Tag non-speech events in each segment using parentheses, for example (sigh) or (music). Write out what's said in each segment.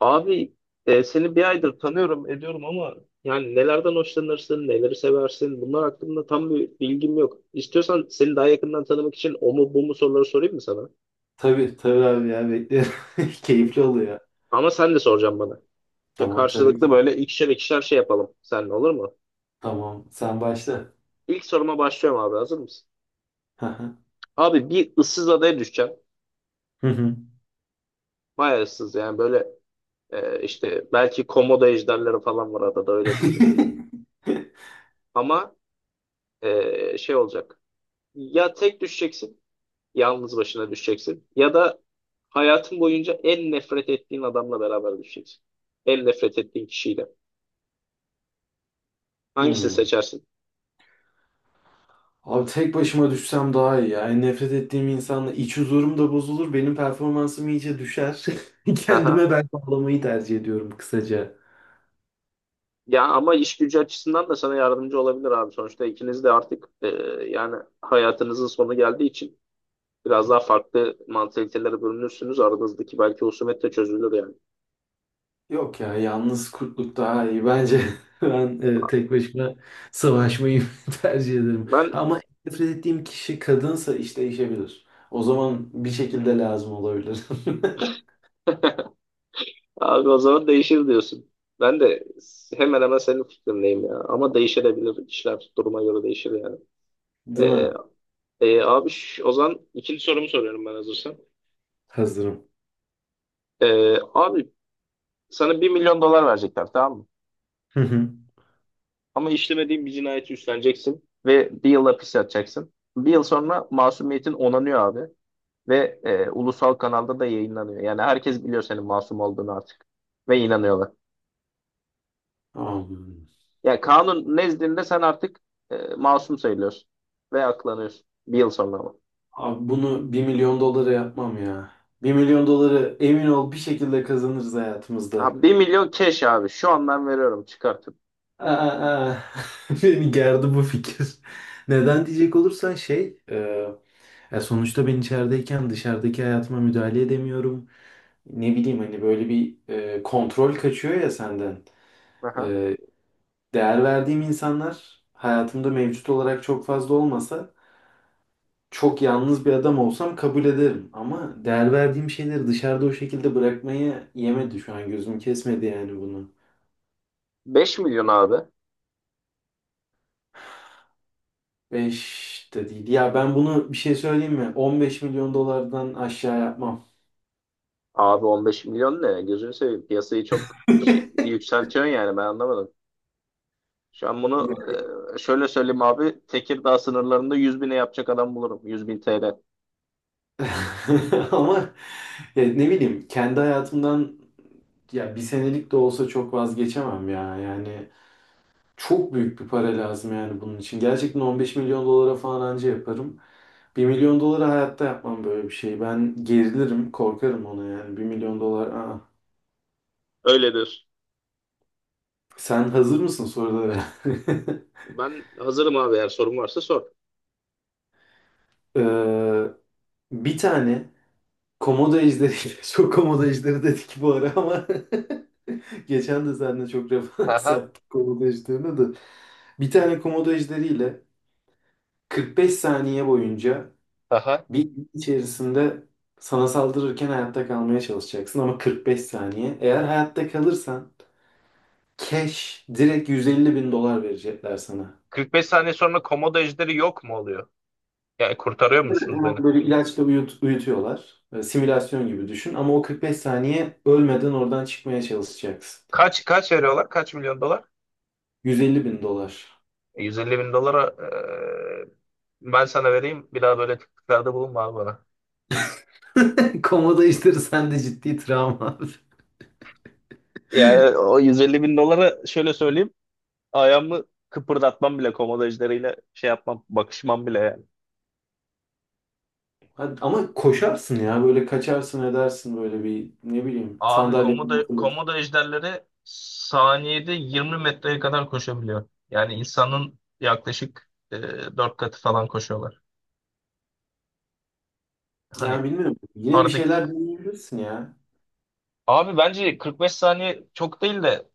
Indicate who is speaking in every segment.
Speaker 1: Abi seni bir aydır tanıyorum ediyorum ama yani nelerden hoşlanırsın, neleri seversin, bunlar hakkında tam bir bilgim yok. İstiyorsan seni daha yakından tanımak için o mu bu mu soruları sorayım mı sana?
Speaker 2: Tabii tabii abi ya beklerim. (laughs) Keyifli oluyor.
Speaker 1: Ama sen de soracaksın bana. İşte
Speaker 2: Tamam tabii
Speaker 1: karşılıklı
Speaker 2: ki.
Speaker 1: böyle ikişer ikişer şey yapalım seninle, olur mu?
Speaker 2: Tamam sen başla.
Speaker 1: İlk soruma başlıyorum abi, hazır mısın?
Speaker 2: Hı hı.
Speaker 1: Abi, bir ıssız adaya düşeceğim.
Speaker 2: Hı hı.
Speaker 1: Bayağı ıssız, yani böyle işte belki komodo ejderleri falan var adada, öyle düşün.
Speaker 2: (laughs)
Speaker 1: Ama şey olacak. Ya tek düşeceksin, yalnız başına düşeceksin. Ya da hayatın boyunca en nefret ettiğin adamla beraber düşeceksin. En nefret ettiğin kişiyle. Hangisini
Speaker 2: Hmm.
Speaker 1: seçersin?
Speaker 2: Abi tek başıma düşsem daha iyi. Yani nefret ettiğim insanla iç huzurum da bozulur. Benim performansım iyice düşer. (laughs)
Speaker 1: Aha.
Speaker 2: Kendime ben bağlamayı tercih ediyorum kısaca.
Speaker 1: Ya ama iş gücü açısından da sana yardımcı olabilir abi. Sonuçta ikiniz de artık yani hayatınızın sonu geldiği için biraz daha farklı mantalitelere bölünürsünüz. Aranızdaki belki husumet de çözülür yani.
Speaker 2: Yok ya, yalnız kurtluk daha iyi bence. (laughs) Ben tek başıma savaşmayı (laughs) tercih ederim.
Speaker 1: Ben,
Speaker 2: Ama nefret ettiğim kişi kadınsa iş değişebilir. O zaman bir şekilde lazım olabilir.
Speaker 1: abi, o zaman değişir diyorsun. Ben de hemen hemen senin fikrindeyim ya. Ama değişebilir, işler duruma göre değişir yani.
Speaker 2: (laughs) Değil
Speaker 1: E,
Speaker 2: mi?
Speaker 1: Abi, o zaman ikinci sorumu soruyorum ben, hazırsan.
Speaker 2: Hazırım.
Speaker 1: Abi, sana 1 milyon dolar verecekler, tamam mı?
Speaker 2: Hı hı.
Speaker 1: Ama işlemediğin bir cinayeti üstleneceksin ve bir yıl hapis yatacaksın. Bir yıl sonra masumiyetin onanıyor abi ve ulusal kanalda da yayınlanıyor. Yani herkes biliyor senin masum olduğunu artık ve inanıyorlar.
Speaker 2: Abi,
Speaker 1: Yani kanun nezdinde sen artık masum sayılıyorsun ve aklanıyorsun bir yıl sonra, ama.
Speaker 2: abi, bunu 1 milyon dolara yapmam ya. 1 milyon doları emin ol bir şekilde kazanırız hayatımızda.
Speaker 1: Ha, 1 milyon cash abi, şu an ben veriyorum çıkartıp.
Speaker 2: Aa. (laughs) Beni gerdi bu fikir. Neden diyecek olursan ya sonuçta ben içerideyken dışarıdaki hayatıma müdahale edemiyorum. Ne bileyim hani böyle bir kontrol kaçıyor ya senden.
Speaker 1: Aha.
Speaker 2: E, değer verdiğim insanlar hayatımda mevcut olarak çok fazla olmasa çok yalnız bir adam olsam kabul ederim. Ama değer verdiğim şeyleri dışarıda o şekilde bırakmayı yemedi şu an, gözüm kesmedi yani bunu.
Speaker 1: Beş milyon abi.
Speaker 2: 5 de değil. Ya ben bunu bir şey söyleyeyim mi? 15 milyon dolardan aşağı yapmam.
Speaker 1: Abi, 15 milyon ne? Gözünü seveyim. Piyasayı çok şey, yükseltiyorsun yani, ben anlamadım. Şu an
Speaker 2: Ya.
Speaker 1: bunu şöyle söyleyeyim abi. Tekirdağ sınırlarında 100 bine yapacak adam bulurum. 100 bin TL.
Speaker 2: (laughs) Ama ya ne bileyim kendi hayatımdan, ya bir senelik de olsa çok vazgeçemem ya. Yani çok büyük bir para lazım yani bunun için. Gerçekten 15 milyon dolara falan anca yaparım. 1 milyon dolara hayatta yapmam böyle bir şey. Ben gerilirim, korkarım ona yani. 1 milyon dolar. Aa.
Speaker 1: Öyledir.
Speaker 2: Sen hazır mısın sorulara? (laughs)
Speaker 1: Ben hazırım abi, eğer sorun varsa sor.
Speaker 2: Ee, bir tane Komodo ejderi, (laughs) çok komodo ejderi dedik bu ara ama (laughs) geçen de seninle çok referans (laughs)
Speaker 1: Aha,
Speaker 2: yaptık komodo ejderine de. Bir tane komodo ejderiyle 45 saniye boyunca
Speaker 1: aha.
Speaker 2: bir gün içerisinde sana saldırırken hayatta kalmaya çalışacaksın ama 45 saniye. Eğer hayatta kalırsan cash direkt 150 bin dolar verecekler sana.
Speaker 1: 45 saniye sonra komodo ejderi yok mu oluyor? Yani kurtarıyor musunuz beni?
Speaker 2: Hemen böyle ilaçla uyutuyorlar. Simülasyon gibi düşün ama o 45 saniye ölmeden oradan çıkmaya çalışacaksın.
Speaker 1: Kaç veriyorlar? Kaç milyon dolar?
Speaker 2: 150 bin dolar.
Speaker 1: 150 bin dolara ben sana vereyim. Bir daha böyle tekliflerde bulunma abi bana.
Speaker 2: Komodo işleri sende ciddi travma.
Speaker 1: Yani o 150 bin dolara şöyle söyleyeyim. Ayağımı kıpırdatmam bile, komodo ejderiyle şey yapmam, bakışmam bile yani.
Speaker 2: (laughs) Ama koşarsın ya, böyle kaçarsın edersin böyle bir ne bileyim,
Speaker 1: Abi
Speaker 2: sandalye falan fırlatıp.
Speaker 1: komodo ejderleri saniyede 20 metreye kadar koşabiliyor. Yani insanın yaklaşık 4 katı falan koşuyorlar.
Speaker 2: Yani
Speaker 1: Hani,
Speaker 2: bilmiyorum, yine bir
Speaker 1: artık
Speaker 2: şeyler deneyebilirsin ya.
Speaker 1: abi bence 45 saniye çok değil de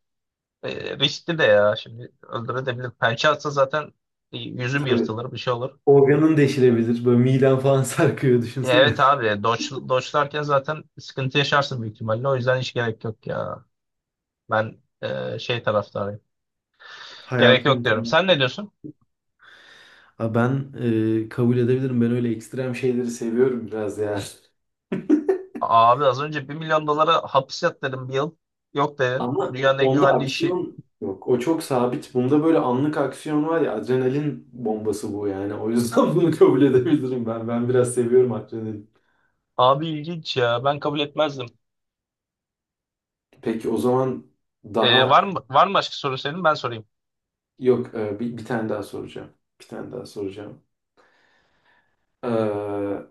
Speaker 1: riskli de ya. Şimdi öldürebilir. Pençe atsa zaten yüzüm
Speaker 2: Tabii.
Speaker 1: yırtılır, bir şey olur.
Speaker 2: Organın deşilebilir. Böyle miden falan sarkıyor, düşünsene.
Speaker 1: Evet abi, doçlarken zaten sıkıntı yaşarsın büyük ihtimalle. O yüzden hiç gerek yok ya. Ben şey taraftarıyım.
Speaker 2: (laughs)
Speaker 1: Gerek yok
Speaker 2: Hayatımın
Speaker 1: diyorum.
Speaker 2: tadı.
Speaker 1: Sen ne diyorsun?
Speaker 2: Ha ben kabul edebilirim. Ben öyle ekstrem şeyleri seviyorum biraz ya.
Speaker 1: Abi az önce 1 milyon dolara hapis yat dedim, bir yıl. Yok dedim.
Speaker 2: Ama
Speaker 1: Dünyanın en
Speaker 2: onda
Speaker 1: güvenli işi.
Speaker 2: aksiyon yok. O çok sabit. Bunda böyle anlık aksiyon var ya, adrenalin bombası bu yani. O yüzden (laughs) bunu kabul edebilirim ben. Ben biraz seviyorum adrenalin.
Speaker 1: Abi ilginç ya. Ben kabul etmezdim.
Speaker 2: Peki o zaman
Speaker 1: Ee,
Speaker 2: daha
Speaker 1: var mı var mı başka soru senin? Ben sorayım.
Speaker 2: yok, bir tane daha soracağım. Bir tane daha soracağım. Ee,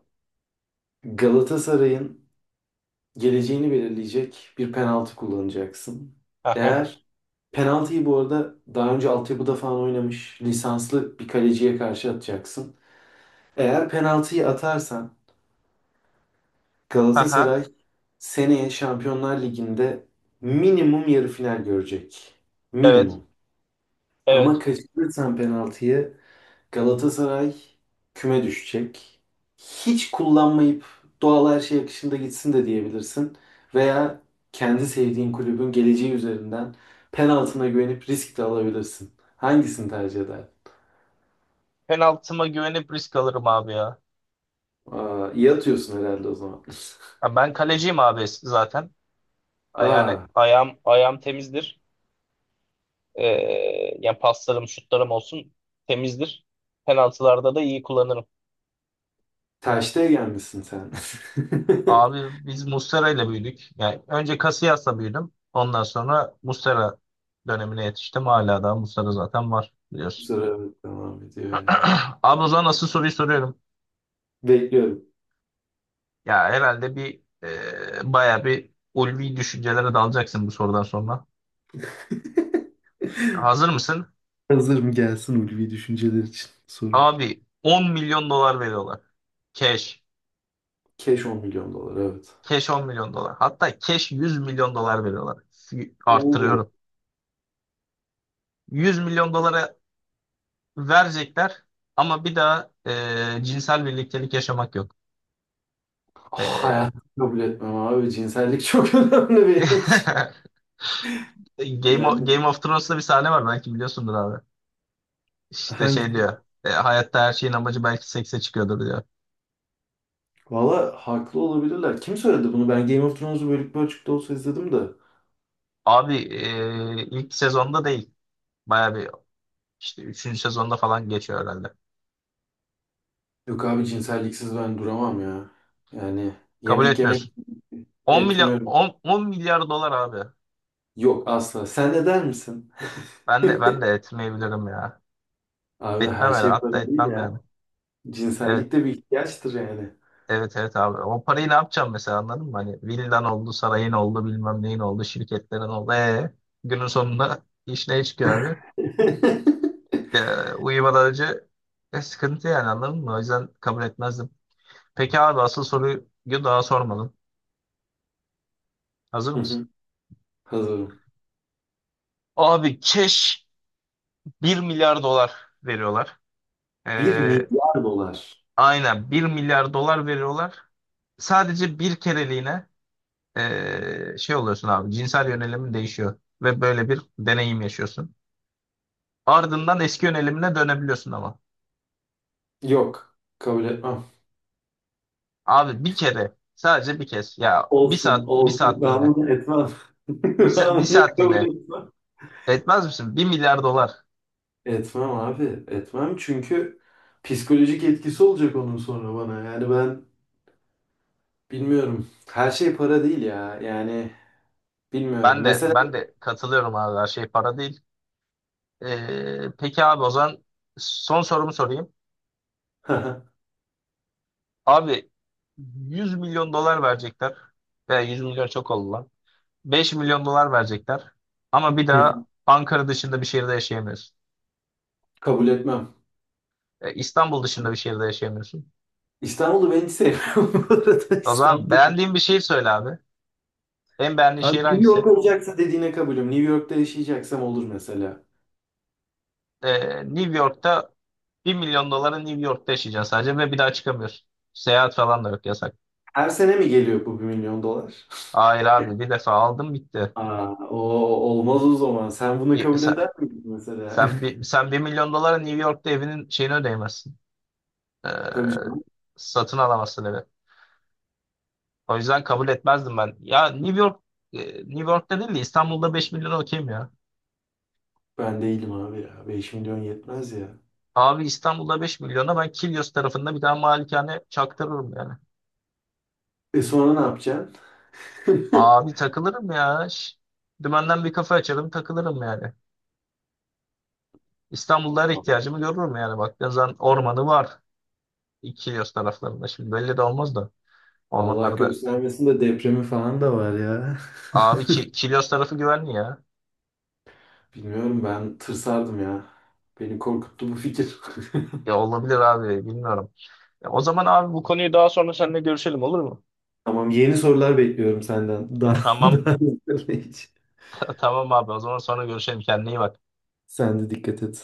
Speaker 2: Galatasaray'ın geleceğini belirleyecek bir penaltı kullanacaksın.
Speaker 1: Aha.
Speaker 2: Eğer penaltıyı, bu arada daha önce altyapıda falan oynamış lisanslı bir kaleciye karşı atacaksın. Eğer penaltıyı atarsan
Speaker 1: Aha.
Speaker 2: Galatasaray seneye Şampiyonlar Ligi'nde minimum yarı final görecek.
Speaker 1: Evet.
Speaker 2: Minimum. Ama
Speaker 1: Evet.
Speaker 2: kaçırırsan penaltıyı Galatasaray küme düşecek. Hiç kullanmayıp doğal her şey akışında gitsin de diyebilirsin. Veya kendi sevdiğin kulübün geleceği üzerinden penaltına güvenip risk de alabilirsin. Hangisini tercih eder?
Speaker 1: Penaltıma güvenip risk alırım abi ya.
Speaker 2: Aa, iyi atıyorsun herhalde o zaman.
Speaker 1: Ya ben kaleciyim abi zaten.
Speaker 2: (laughs)
Speaker 1: Yani
Speaker 2: Aa,
Speaker 1: ayağım temizdir. Ee, yani paslarım, şutlarım olsun, temizdir. Penaltılarda da iyi kullanırım.
Speaker 2: tercih gelmişsin sen. (laughs)
Speaker 1: Abi biz Muslera ile büyüdük. Yani önce Casillas'la büyüdüm. Ondan sonra Muslera dönemine yetiştim. Hala daha Muslera zaten var, biliyorsun.
Speaker 2: Sıra evet, devam ediyor ya.
Speaker 1: (clears throat) Abi o zaman nasıl, soruyu soruyorum.
Speaker 2: Bekliyorum.
Speaker 1: Ya herhalde bir baya bir ulvi düşüncelere dalacaksın bu sorudan sonra.
Speaker 2: (laughs)
Speaker 1: Hazır mısın?
Speaker 2: Hazırım, gelsin ulvi düşünceler için soru.
Speaker 1: Abi, 10 milyon dolar veriyorlar. Cash.
Speaker 2: Keş 10 milyon dolar evet.
Speaker 1: Cash 10 milyon dolar. Hatta cash 100 milyon dolar veriyorlar.
Speaker 2: Oo.
Speaker 1: Arttırıyorum. 100 milyon dolara verecekler ama bir daha cinsel birliktelik yaşamak yok. E,
Speaker 2: Hayat, kabul etmem abi. Cinsellik çok (laughs) önemli benim için.
Speaker 1: (laughs)
Speaker 2: Yani
Speaker 1: Game of Thrones'ta bir sahne var, belki biliyorsundur abi. İşte şey
Speaker 2: hangi...
Speaker 1: diyor, hayatta her şeyin amacı belki sekse çıkıyordur diyor.
Speaker 2: Valla haklı olabilirler. Kim söyledi bunu? Ben Game of Thrones'u bölük bölçükte olsa izledim de.
Speaker 1: Abi ilk sezonda değil. Baya bir, işte üçüncü sezonda falan geçiyor herhalde.
Speaker 2: Yok abi, cinselliksiz ben duramam ya. Yani
Speaker 1: Kabul
Speaker 2: yemek yemek
Speaker 1: etmiyorsun. 10 milyar
Speaker 2: etmiyorum.
Speaker 1: 10, 10 milyar dolar abi.
Speaker 2: Yok, asla. Sen de der misin?
Speaker 1: Ben de
Speaker 2: (laughs)
Speaker 1: etmeyebilirim ya.
Speaker 2: Abi
Speaker 1: Etmem
Speaker 2: her
Speaker 1: herhalde.
Speaker 2: şey para
Speaker 1: Hatta
Speaker 2: değil
Speaker 1: etmem
Speaker 2: ya.
Speaker 1: yani.
Speaker 2: Cinsellik
Speaker 1: Evet.
Speaker 2: de bir ihtiyaçtır yani.
Speaker 1: Evet, evet abi. O parayı ne yapacağım mesela, anladın mı? Hani villan oldu, sarayın oldu, bilmem neyin oldu, şirketlerin oldu. Günün sonunda iş ne çıkıyor abi?
Speaker 2: (laughs)
Speaker 1: Uyumadan önce sıkıntı yani, anladın mı? O yüzden kabul etmezdim. Peki abi, asıl soruyu daha sormadım. Hazır
Speaker 2: Hı
Speaker 1: mısın?
Speaker 2: hı. Hazırım.
Speaker 1: Abi, keş 1 milyar dolar veriyorlar.
Speaker 2: Bir
Speaker 1: Ee,
Speaker 2: milyar dolar.
Speaker 1: aynen 1 milyar dolar veriyorlar. Sadece bir kereliğine şey oluyorsun abi, cinsel yönelimin değişiyor. Ve böyle bir deneyim yaşıyorsun. Ardından eski yönelimine dönebiliyorsun, ama.
Speaker 2: Yok. Kabul etmem.
Speaker 1: Abi bir kere, sadece bir kez ya, bir
Speaker 2: Olsun,
Speaker 1: saat bir
Speaker 2: olsun.
Speaker 1: saatliğine,
Speaker 2: Ben bunu etmem. (laughs)
Speaker 1: bir
Speaker 2: Ben bunu kabul
Speaker 1: saatliğine
Speaker 2: etmem.
Speaker 1: etmez misin? Bir milyar dolar.
Speaker 2: Etmem abi. Etmem çünkü psikolojik etkisi olacak onun sonra bana. Yani ben bilmiyorum. Her şey para değil ya. Yani bilmiyorum.
Speaker 1: Ben de
Speaker 2: Mesela
Speaker 1: ben de katılıyorum abi, her şey para değil. Peki abi, o zaman son sorumu sorayım.
Speaker 2: (laughs)
Speaker 1: Abi, 100 milyon dolar verecekler. Veya 100 milyon çok oldu lan. 5 milyon dolar verecekler. Ama bir daha Ankara dışında bir şehirde yaşayamıyorsun.
Speaker 2: kabul etmem.
Speaker 1: İstanbul dışında bir şehirde yaşayamıyorsun.
Speaker 2: İstanbul'u ben hiç sevmiyorum (laughs) bu arada.
Speaker 1: O zaman
Speaker 2: İstanbul.
Speaker 1: beğendiğin bir şehir söyle abi. En beğendiğin
Speaker 2: Abi
Speaker 1: şehir
Speaker 2: New York
Speaker 1: hangisi?
Speaker 2: olacaksa dediğine kabulüm. New York'ta yaşayacaksam olur mesela.
Speaker 1: New York'ta, 1 milyon dolara New York'ta yaşayacaksın sadece ve bir daha çıkamıyorsun. Seyahat falan da yok, yasak.
Speaker 2: Her sene mi geliyor bu 1 milyon dolar? (laughs)
Speaker 1: Hayır abi, bir defa aldım bitti.
Speaker 2: Aa, o olmaz o zaman. Sen bunu
Speaker 1: E,
Speaker 2: kabul
Speaker 1: sen,
Speaker 2: eder miydin mesela?
Speaker 1: sen,
Speaker 2: (laughs)
Speaker 1: bir, sen 1 milyon dolara New York'ta evinin şeyini ödeyemezsin. Ee,
Speaker 2: Tabii canım.
Speaker 1: satın alamazsın evi. O yüzden kabul etmezdim ben. Ya New York'ta değil de İstanbul'da 5 milyona okeyim ya.
Speaker 2: Ben değilim abi ya. 5 milyon yetmez ya.
Speaker 1: Abi, İstanbul'da 5 milyona ben Kilyos tarafında bir tane malikane çaktırırım yani.
Speaker 2: E sonra ne yapacaksın? (laughs)
Speaker 1: Abi takılırım ya. Dümenden bir kafe açarım, takılırım yani. İstanbul'da her ihtiyacımı görürüm yani. Baktığın zaman ormanı var, Kilyos taraflarında. Şimdi belli de olmaz da,
Speaker 2: Allah
Speaker 1: ormanlarda.
Speaker 2: göstermesin de, depremi falan da var ya.
Speaker 1: Abi Kilyos tarafı güvenli ya.
Speaker 2: (laughs) Bilmiyorum, ben tırsardım ya. Beni korkuttu bu fikir.
Speaker 1: Ya
Speaker 2: (laughs)
Speaker 1: olabilir abi, bilmiyorum. Ya o zaman abi, bu konuyu daha sonra seninle görüşelim, olur mu?
Speaker 2: Tamam, yeni sorular bekliyorum senden. Daha (laughs)
Speaker 1: Tamam
Speaker 2: daha hiç.
Speaker 1: (laughs) tamam abi, o zaman sonra görüşelim, kendine iyi bak.
Speaker 2: Sen de dikkat et.